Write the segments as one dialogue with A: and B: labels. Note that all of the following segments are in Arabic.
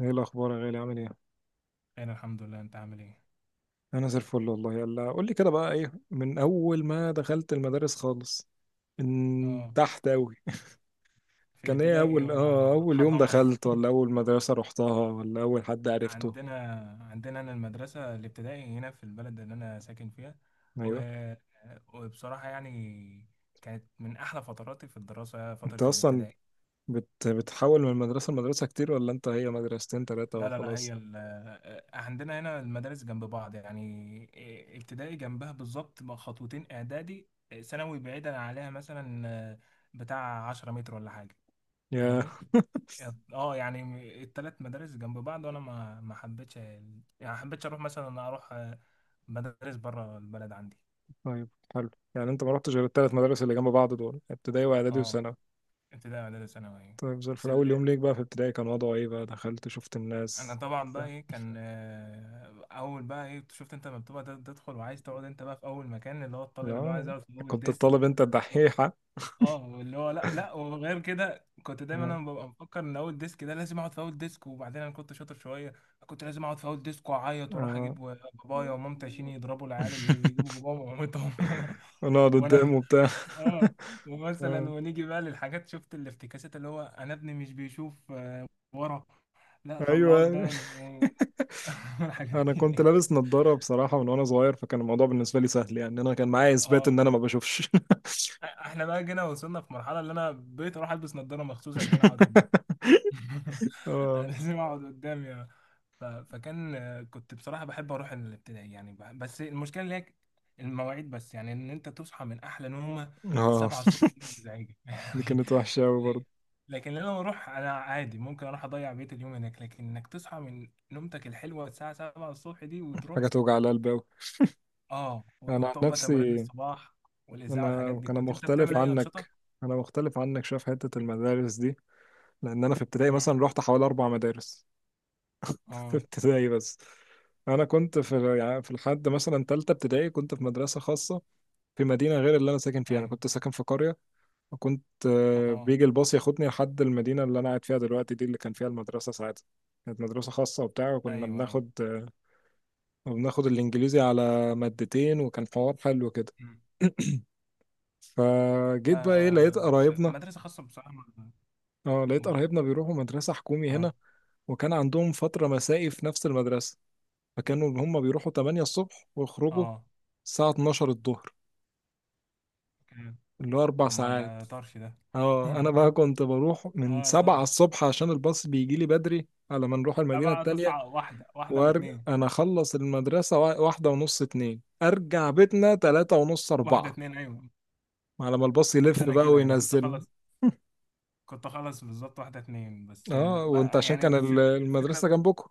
A: ايه الاخبار يا غالي، عامل ايه؟
B: انا الحمد لله، انت عامل ايه؟
A: انا زي الفل والله. يلا قول لي كده، بقى ايه من اول ما دخلت المدارس خالص، من
B: اه.
A: تحت قوي؟
B: في
A: كان ايه
B: الابتدائي
A: اول اه
B: ولا
A: اول يوم
B: حضانة؟
A: دخلت، ولا اول مدرسة رحتها، ولا اول حد عرفته؟
B: عندنا عندنا. انا المدرسة الابتدائي هنا في البلد اللي انا ساكن فيها و...
A: ايوه.
B: وبصراحة يعني، كانت من احلى فتراتي في الدراسة
A: انت
B: فترة
A: اصلا
B: الابتدائي.
A: بتحول من مدرسة لمدرسة كتير، ولا انت هي مدرستين ثلاثة
B: لا، لا، لا.
A: وخلاص؟
B: عندنا هنا المدارس جنب بعض، يعني ابتدائي جنبها بالظبط خطوتين، اعدادي ثانوي بعيدا عليها مثلا بتاع 10 متر ولا حاجة.
A: يا.
B: فاهمني. اه، يعني التلات مدارس جنب بعض، وانا ما حبيتش يعني ما حبيتش اروح مثلا، انا اروح مدارس بره البلد عندي.
A: طيب. حلو، يعني انت ما رحتش غير الثلاث مدارس اللي جنب بعض دول، ابتدائي واعدادي
B: اه.
A: وثانوي؟
B: ابتدائي، اعدادي، ثانوي.
A: طيب زي
B: بس
A: الفل، اول
B: اللي
A: يوم ليك بقى في ابتدائي، كان وضعه ايه بقى؟ دخلت شفت
B: انا
A: الناس؟
B: طبعا بقى ايه، كان اول بقى ايه شفت انت لما بتبقى تدخل وعايز تقعد، انت بقى في اول مكان، اللي هو الطالب اللي هو عايز
A: آه.
B: يقعد في اول
A: كنت
B: ديسك.
A: الطالب انت الدحيحة؟
B: اه، اللي هو لا، لا، وغير كده كنت دايما
A: آه.
B: انا ببقى مفكر ان اول ديسك ده لازم اقعد في اول ديسك، وبعدين انا كنت شاطر شويه. كنت لازم اقعد في اول ديسك واعيط واروح اجيب
A: آه.
B: بابايا ومامتي عشان يضربوا العيال اللي بيجيبوا باباهم ومامتهم.
A: ونقعد
B: وانا
A: قدامه وبتاع.
B: اه، ومثلا
A: آه.
B: ونيجي بقى للحاجات، شفت الافتكاسات اللي هو انا ابني مش بيشوف ورا. لا، طلعه
A: ايوه.
B: قدام الحاجات
A: انا كنت
B: دي.
A: لابس نظارة بصراحة من وانا صغير، فكان الموضوع بالنسبة لي سهل، يعني انا كان معايا اثبات
B: اه،
A: ان انا ما بشوفش.
B: احنا بقى جينا وصلنا في مرحله اللي انا بقيت اروح البس نظاره مخصوص عشان اقعد قدام. انا
A: اه.
B: لازم اقعد قدام يا فكان كنت بصراحه بحب اروح الابتدائي، يعني بس المشكله اللي هي المواعيد، بس يعني ان انت تصحى من احلى نومه
A: اه،
B: 7 الصبح دي مزعجه
A: دي
B: يعني.
A: كانت وحشة أوي
B: ل-
A: برضه،
B: لكن لما اروح انا عادي، ممكن اروح اضيع بيت اليوم هناك، لكن انك تصحى من نومتك الحلوه الساعه 7 الصبح دي
A: حاجة
B: وتروح.
A: توجع القلب أوي.
B: اه
A: أنا عن
B: وبتقعد بقى تمارين
A: نفسي،
B: الصباح والاذاعه والحاجات
A: أنا
B: دي.
A: أنا
B: كنت انت
A: مختلف
B: بتعمل اي
A: عنك.
B: انشطه؟
A: أنا مختلف عنك شوية في حتة المدارس دي، لأن أنا في ابتدائي
B: مم.
A: مثلا رحت حوالي أربع مدارس، في
B: اه.
A: ابتدائي بس. انا كنت في لحد مثلا تالتة ابتدائي كنت في مدرسة خاصة، في مدينة غير اللي انا ساكن فيها، انا
B: ايوه.
A: كنت ساكن في قرية. وكنت
B: اه،
A: بيجي الباص ياخدني لحد المدينة اللي انا قاعد فيها دلوقتي دي، اللي كان فيها المدرسة ساعتها. كانت مدرسة خاصة وبتاع، وكنا
B: ايوه،
A: بناخد الانجليزي على مادتين، وكان حوار حلو كده.
B: ايوه.
A: فجيت
B: لا،
A: بقى ايه،
B: اه،
A: لقيت
B: بس
A: قرايبنا.
B: المدرسة خاصة بصراحة
A: اه لقيت قرايبنا بيروحوا مدرسة حكومي
B: اه،
A: هنا، وكان عندهم فترة مسائي في نفس المدرسة، فكانوا اللي هم بيروحوا 8 الصبح ويخرجوا
B: اه،
A: الساعة 12 الظهر،
B: اوكي.
A: اللي هو أربع
B: طب ما
A: ساعات
B: ده طرش ده.
A: اه أنا بقى كنت بروح من
B: اه
A: 7
B: طرش.
A: الصبح، عشان الباص بيجي لي بدري على ما نروح
B: لا
A: المدينة
B: بقى،
A: التانية.
B: تسعة، واحدة، واحدة
A: وأرجع
B: واتنين.
A: أنا أخلص المدرسة واحدة ونص اتنين، أرجع بيتنا تلاتة ونص
B: واحدة،
A: أربعة،
B: اتنين، ايوه.
A: على ما الباص يلف
B: كنت انا
A: بقى
B: كده، يعني كنت
A: وينزل.
B: اخلص. كنت اخلص بالظبط واحدة اتنين، بس
A: اه وانت
B: بقى
A: عشان
B: يعني،
A: كان
B: بس. الفكرة.
A: المدرسة جنبكم.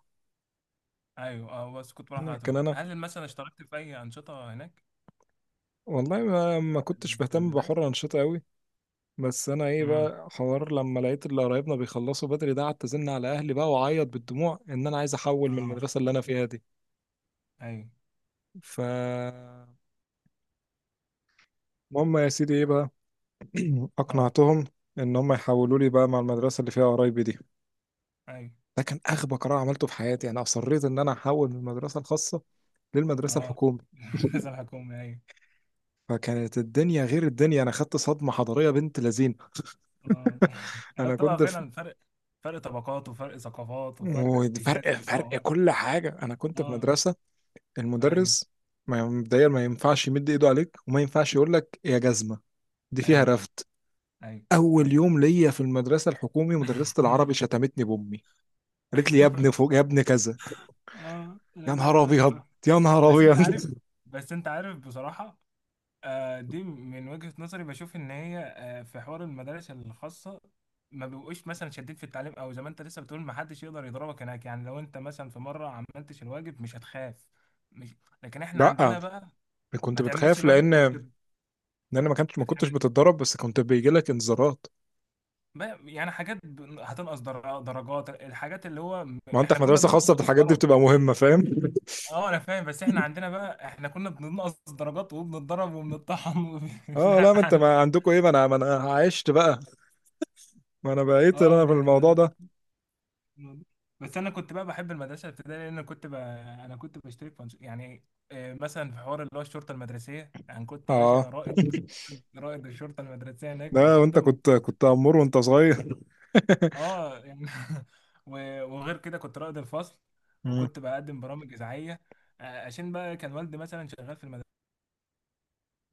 B: ايوه، اه، بس كنت بروح على
A: كان
B: طول.
A: أنا.
B: هل مثلا اشتركت في اي انشطة هناك
A: والله ما كنتش
B: في
A: بهتم
B: المدارس؟
A: بحر الأنشطة أوي. بس انا ايه
B: امم.
A: بقى حوار، لما لقيت اللي قرايبنا بيخلصوا بدري ده، قعدت ازن على اهلي بقى واعيط بالدموع ان انا عايز احول من
B: اه،
A: المدرسه اللي انا فيها دي.
B: ايوه.
A: ف المهم يا سيدي ايه بقى،
B: اه،
A: اقنعتهم ان هم يحولوا لي بقى مع المدرسه اللي فيها قرايبي دي.
B: ايوه،
A: ده كان اغبى قرار عملته في حياتي، انا اصريت ان انا احول من المدرسه الخاصه للمدرسه
B: اه.
A: الحكومي.
B: المدرسة الحكومية، ايوه.
A: فكانت الدنيا غير الدنيا، انا خدت صدمه حضاريه بنت لذين.
B: اه. يعني
A: انا
B: بتبقى
A: كنت في.
B: فعلا فرق. فرق طبقات، وفرق ثقافات، وفرق
A: وفرق
B: شاسع، سما
A: فرق
B: وارض.
A: كل حاجه، انا كنت في
B: اه.
A: مدرسه.
B: ايوه،
A: المدرس ما مبدئيا ما ينفعش يمد ايده عليك، وما ينفعش يقول لك يا جزمه، دي فيها
B: ايوه،
A: رفد.
B: ايوه،
A: اول
B: ايوه،
A: يوم ليا في المدرسه الحكومي، مدرسه العربي شتمتني بامي، قالت لي يا
B: ايوه.
A: ابن فوق يا ابن كذا،
B: اه، انا
A: يا نهار
B: فاهم، انا
A: ابيض
B: فاهم.
A: يا نهار
B: بس انت عارف
A: ابيض.
B: بس انت عارف بصراحة. دي من وجهة نظري بشوف ان هي، في حوار المدارس الخاصة ما بيبقوش مثلا شادين في التعليم، او زي ما انت لسه بتقول ما حدش يقدر يضربك هناك، يعني لو انت مثلا في مرة عملتش الواجب مش هتخاف. مش لكن احنا
A: لا،
B: عندنا بقى،
A: كنت
B: ما تعملش
A: بتخاف،
B: الواجب كنت
A: لان انا ما كنتش
B: بتعمل
A: بتتضرب، بس كنت بيجي لك انذارات.
B: يعني حاجات هتنقص درجات، الحاجات اللي هو
A: ما انت
B: احنا
A: في
B: كنا
A: مدرسه
B: بننقص
A: خاصه الحاجات دي
B: وبنتضرب.
A: بتبقى مهمه، فاهم.
B: اه، انا فاهم، بس احنا عندنا بقى، احنا كنا بننقص درجات وبنتضرب وبنطحن
A: اه لا، ما انت
B: وبنتلعن.
A: ما عندكم ايه، ما انا عشت بقى، ما انا بقيت
B: اه،
A: انا في
B: يعني
A: الموضوع
B: ده
A: ده.
B: الموضوع. بس انا كنت بقى بحب المدرسه الابتدائيه، لان كنت انا كنت بشترك في يعني مثلا في حوار اللي هو الشرطه المدرسيه، يعني كنت
A: اه
B: باشا رائد. رائد الشرطه المدرسيه هناك،
A: لا، وانت
B: مقدم
A: كنت
B: كنت.
A: كنت امور وانت صغير.
B: اه يعني. وغير كده كنت رائد الفصل، وكنت بقدم برامج اذاعيه عشان بقى كان والدي مثلا شغال في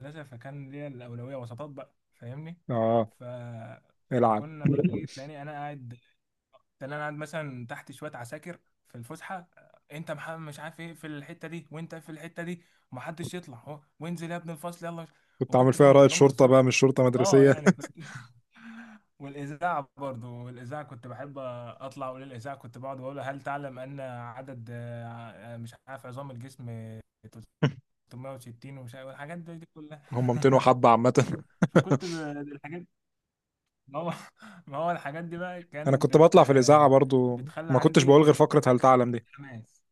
B: المدرسه، فكان ليا الاولويه وسطات بقى، فاهمني.
A: اه.
B: ف
A: العب.
B: فكنا بقى ايه، تلاقيني انا قاعد مثلا تحت شويه عساكر في الفسحه. انت محمد مش عارف ايه في الحته دي، وانت في الحته دي، ومحدش يطلع اهو، وانزل يا ابن الفصل يلا.
A: كنت عامل
B: وكنت بقى
A: فيها رائد
B: متقمص.
A: شرطة بقى، مش شرطة
B: اه
A: مدرسية.
B: يعني كنت. والاذاعه برضو، والاذاعه كنت بحب اطلع اقول الاذاعه، كنت بقعد واقول هل تعلم ان عدد مش عارف عظام الجسم 360 ومش عارف، الحاجات دي كلها.
A: هم 200 وحبة عامة.
B: فكنت الحاجات، ما هو ما هو الحاجات دي بقى كانت
A: انا كنت بطلع في الإذاعة برضو،
B: بتخلي
A: ما كنتش
B: عندي
A: بقول غير فقرة
B: إيه،
A: هل تعلم دي.
B: حماس.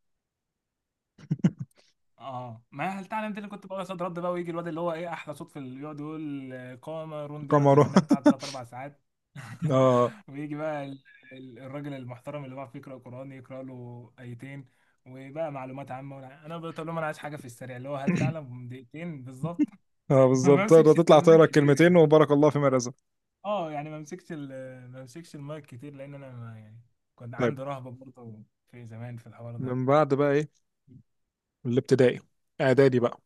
B: اه، ما هل تعلم دي اللي كنت بقول صوت رد بقى، ويجي الواد اللي هو ايه احلى صوت في يقعد يقول قامة روندي، يقعد
A: قمر.
B: يغنيها بتاع تلات اربع ساعات.
A: اه.
B: ويجي بقى الراجل المحترم اللي بيعرف يقرا قران، يقرا له ايتين. وبقى معلومات عامه انا بقول لهم انا عايز حاجه في السريع، اللي هو هل تعلم دقيقتين بالظبط.
A: اه
B: ما
A: بالظبط، تقدر
B: بمسكش
A: تطلع
B: المايك
A: تقرا
B: كتير
A: الكلمتين
B: يعني.
A: وبارك الله فيما رزق.
B: اه يعني ما بمسكش المايك كتير لان انا، ما يعني كنت
A: طيب،
B: عندي رهبه برضه في زمان في الحوار ده.
A: من بعد بقى ايه، الابتدائي، اعدادي بقى،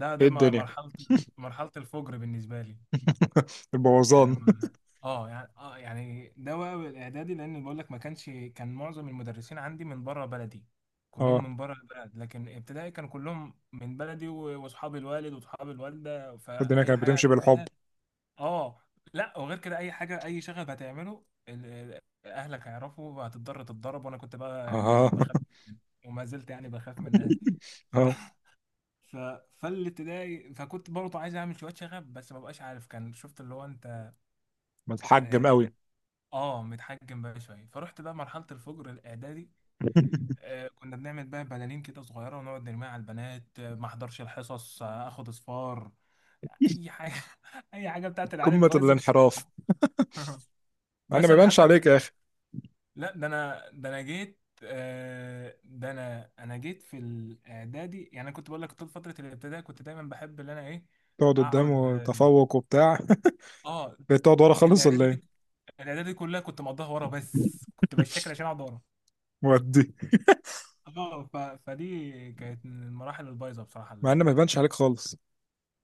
A: ايه الدنيا؟
B: مرحله، مرحله الفجر بالنسبه لي.
A: البوظان.
B: يعني يعني ده بقى الاعدادي، لان بقول لك ما كانش، كان معظم المدرسين عندي من بره بلدي، كلهم
A: اه،
B: من بره البلد، لكن ابتدائي كانوا كلهم من بلدي واصحاب الوالد واصحاب الوالده،
A: الدنيا
B: فاي
A: كانت
B: حاجه
A: بتمشي بالحب.
B: هتعملها اه. لا، وغير كده اي حاجه، اي شغف هتعمله اهلك هيعرفوا وهتضطر تتضرب، وانا كنت بقى يعني
A: اه.
B: بخاف. وما زلت يعني بخاف من اهلي. ف...
A: اه
B: ف... فالابتدائي، فكنت برضه عايز اعمل شويه شغف، بس ما بقاش عارف كان، شفت اللي هو انت
A: متحجم
B: آه
A: قوي.
B: اه، متحجم بقى شويه، فرحت بقى مرحله الفجر الاعدادي. كنا بنعمل بقى بلالين كده صغيره ونقعد نرميها على البنات، ما احضرش الحصص، اخد اصفار، اي حاجه. اي حاجه بتاعت العيال
A: قمة
B: البايظه.
A: الانحراف. انا ما
B: مثلا
A: يبانش
B: حتى
A: عليك يا اخي.
B: لا ده انا جيت، ده انا جيت في الاعدادي، يعني انا كنت بقول لك طول فتره الابتدائي كنت دايما بحب ان انا ايه،
A: تقعد
B: اقعد
A: قدامه تفوق وبتاع؟
B: اه.
A: بقيت تقعد ورا خالص ولا
B: الاعدادي دي
A: ايه؟
B: الاعدادي دي كلها كنت مقضيها ورا، بس كنت بشكل عشان اقعد ورا.
A: ودي.
B: اه فدي كانت من المراحل البايظه بصراحه
A: مع ان ما يبانش عليك خالص،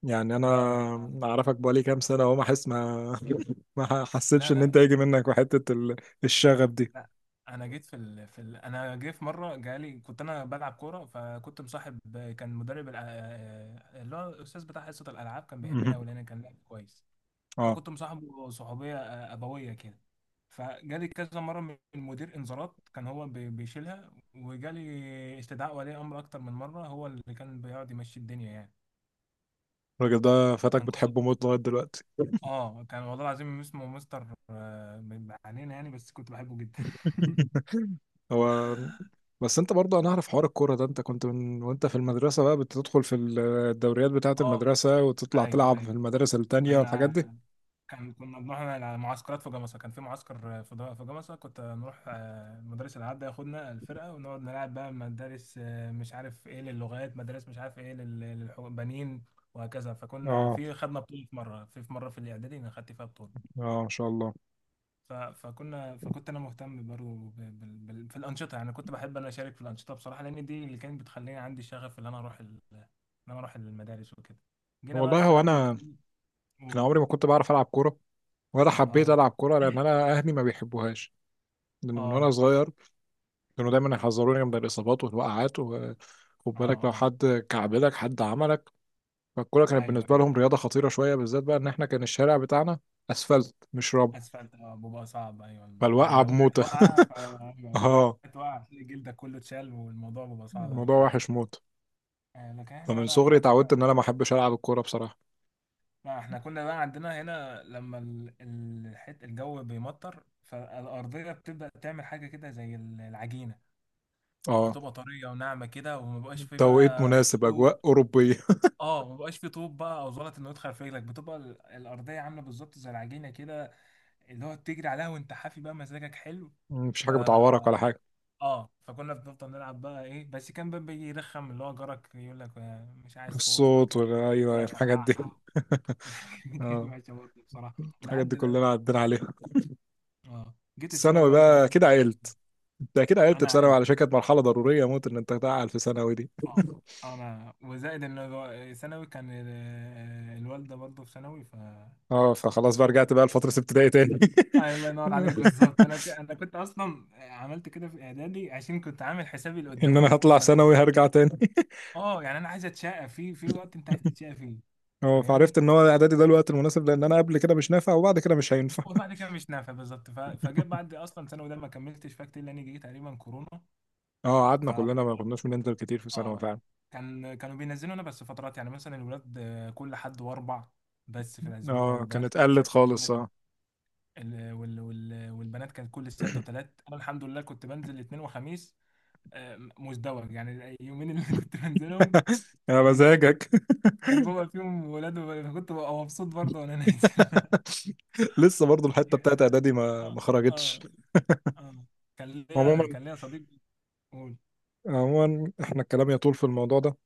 A: يعني انا
B: لا
A: اعرفك بقالي كام سنه اهو، ما احس ما ما حسيتش
B: لا،
A: ان
B: لا،
A: انت يجي منك الشغف دي.
B: لا. انا جيت في انا جيت في مره جالي كنت انا بلعب كوره، فكنت مصاحب. كان مدرب اللي هو الاستاذ بتاع حصه الالعاب، كان بيحبني
A: مهم.
B: قوي لان كان لاعب كويس.
A: اه.
B: فكنت مصاحبه صحوبيه ابويه كده. فجالي كذا مره من مدير انذارات، كان هو بيشيلها، وجالي استدعاء ولي امر اكتر من مره، هو اللي كان بيقعد يمشي الدنيا يعني.
A: الراجل ده فاتك
B: انا كنت
A: بتحبه موت لغايه دلوقتي.
B: اه كان والله العظيم اسمه مستر علينا يعني، بس كنت بحبه جدا.
A: هو. بس انت برضه، انا اعرف حوار الكوره ده، انت كنت من وانت في المدرسه بقى بتدخل في الدوريات بتاعه
B: اه،
A: المدرسه، وتطلع
B: ايوه،
A: تلعب في
B: ايوه.
A: المدارس التانية
B: كان
A: والحاجات دي.
B: كان كنا بنروح على معسكرات في جمصة، كان في معسكر في جمصة، كنت نروح مدرس الألعاب ده ياخدنا الفرقة ونقعد نلعب بقى مدارس، مش عارف ايه للغات، مدارس مش عارف ايه للبنين، وهكذا. فكنا
A: اه.
B: خدنا بطولة في مرة في مرة في الإعدادي أنا خدت فيها بطولة.
A: اه ما شاء الله.
B: فكنت انا مهتم برضه في الانشطه، يعني كنت بحب انا اشارك في الانشطه بصراحه، لان دي اللي كانت بتخليني عندي شغف ان انا اروح المدارس وكده. جينا بقى
A: والله هو
B: الثانوي.
A: انا، انا
B: قول.
A: عمري ما كنت بعرف العب كوره، ولا حبيت
B: اه،
A: العب كوره لان انا اهلي ما بيحبوهاش، لان من وانا
B: اه،
A: صغير كانوا دايما يحذروني من الاصابات والوقعات، و خد
B: اه،
A: بالك لو
B: اه،
A: حد كعبلك حد عملك. فالكوره كانت
B: ايوه،
A: بالنسبه
B: ايوه.
A: لهم رياضه خطيره شويه، بالذات بقى ان احنا كان الشارع بتاعنا اسفلت مش رمل،
B: اسفلت، اه، بيبقى صعب، ايوه، يعني
A: فالوقعه
B: لو وقعت
A: بموته.
B: وقعه. أيوة، لو
A: اه،
B: وقعت وقعه هتلاقي جلدك كله اتشال، والموضوع بيبقى صعب أوي
A: الموضوع
B: فعلا.
A: وحش موت.
B: لكن احنا،
A: فمن
B: لا احنا
A: صغري
B: عندنا،
A: اتعودت ان انا ما احبش العب الكوره بصراحه.
B: ما احنا كنا بقى عندنا هنا لما الحت الجو بيمطر، فالأرضية بتبدأ تعمل حاجة كده زي العجينة.
A: اه،
B: بتبقى طرية وناعمة كده، وما بقاش فيه
A: توقيت
B: بقى
A: مناسب،
B: طوب.
A: اجواء اوروبيه.
B: اه، ما بقاش فيه طوب بقى او زلط انه يدخل في رجلك، بتبقى الأرضية عاملة بالظبط زي العجينة كده، اللي هو بتجري عليها وانت حافي بقى، مزاجك حلو.
A: مفيش
B: ف
A: حاجه بتعورك ولا حاجه.
B: اه فكنا بنفضل نلعب بقى ايه، بس كان بقى بيجي يرخم اللي هو جارك يقول لك مش عايز صوت،
A: الصوت
B: تطلع
A: ولا
B: يمسك
A: ايوه
B: الكورة
A: الحاجات
B: يفرقعها.
A: دي.
B: كده
A: اه
B: وحشة برضه بصراحة.
A: الحاجات دي
B: ولحد
A: كلنا
B: الآن.
A: عدينا عليها.
B: اه، جيت الثانوي
A: ثانوي
B: بقى، انت عامل
A: بقى
B: ايه في
A: كده
B: الثانوي؟
A: عقلت. انت كده عقلت
B: انا
A: في ثانوي،
B: عقلت.
A: على كانت مرحله ضروريه موت ان انت تعقل في ثانوي دي.
B: اه، انا وزائد ان ثانوي كان الوالده برضه في ثانوي ف.
A: اه فخلاص بقى رجعت بقى لفتره ابتدائي تاني.
B: آه، الله ينور عليك بالظبط. انا كنت اصلا عملت كده في اعدادي، عشان كنت عامل حسابي
A: ان
B: لقدام،
A: انا
B: قلت
A: هطلع
B: ما أنا-
A: ثانوي هرجع تاني.
B: اه، يعني انا عايز اتشقى في في وقت انت عايز تتشقى فيه.
A: اه فعرفت
B: فاهمني.
A: ان هو اعدادي ده الوقت المناسب، لان انا قبل كده مش نافع، وبعد كده مش هينفع.
B: وبعد كده مش نافع بالظبط. فجيت بعد اصلا، ثانوي ده ما كملتش فيها كتير، لان جه تقريبا كورونا.
A: اه قعدنا كلنا ما كناش بننزل كتير في ثانوي
B: اه،
A: فعلا.
B: كانوا بينزلوا انا بس فترات، يعني مثلا الولاد كل حد واربع بس في الاسبوع،
A: اه
B: والبنات
A: كانت
B: كل
A: قلت
B: سبت
A: خالص
B: وثلاث.
A: اه.
B: والبنات كانت كل سبت وثلاث، انا الحمد لله كنت بنزل الاثنين وخميس. مزدوج يعني، اليومين اللي كنت بنزلهم.
A: يا
B: كان
A: مزاجك.
B: كان بابا فيهم ولاد كنت ببقى مبسوط برضه وانا نازل.
A: لسه برضو الحته
B: يعني،
A: بتاعت اعدادي ما
B: اه،
A: ما خرجتش.
B: اه اه كان
A: عموما
B: ليا كان ليا صديق. قول.
A: عموما احنا الكلام يطول في الموضوع ده،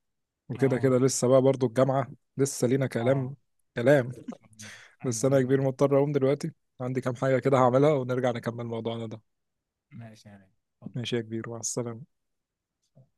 A: وكده كده
B: اه،
A: لسه بقى برضو الجامعة، لسه لينا كلام.
B: اه.
A: كلام.
B: إن شاء الله.
A: بس
B: ايوه،
A: أنا يا
B: ايوه،
A: كبير
B: ايوه.
A: مضطر أقوم دلوقتي، عندي كام حاجة كده هعملها، ونرجع نكمل موضوعنا ده.
B: ماشي يا غالي.
A: ماشي يا كبير، مع السلامة.
B: اتفضل.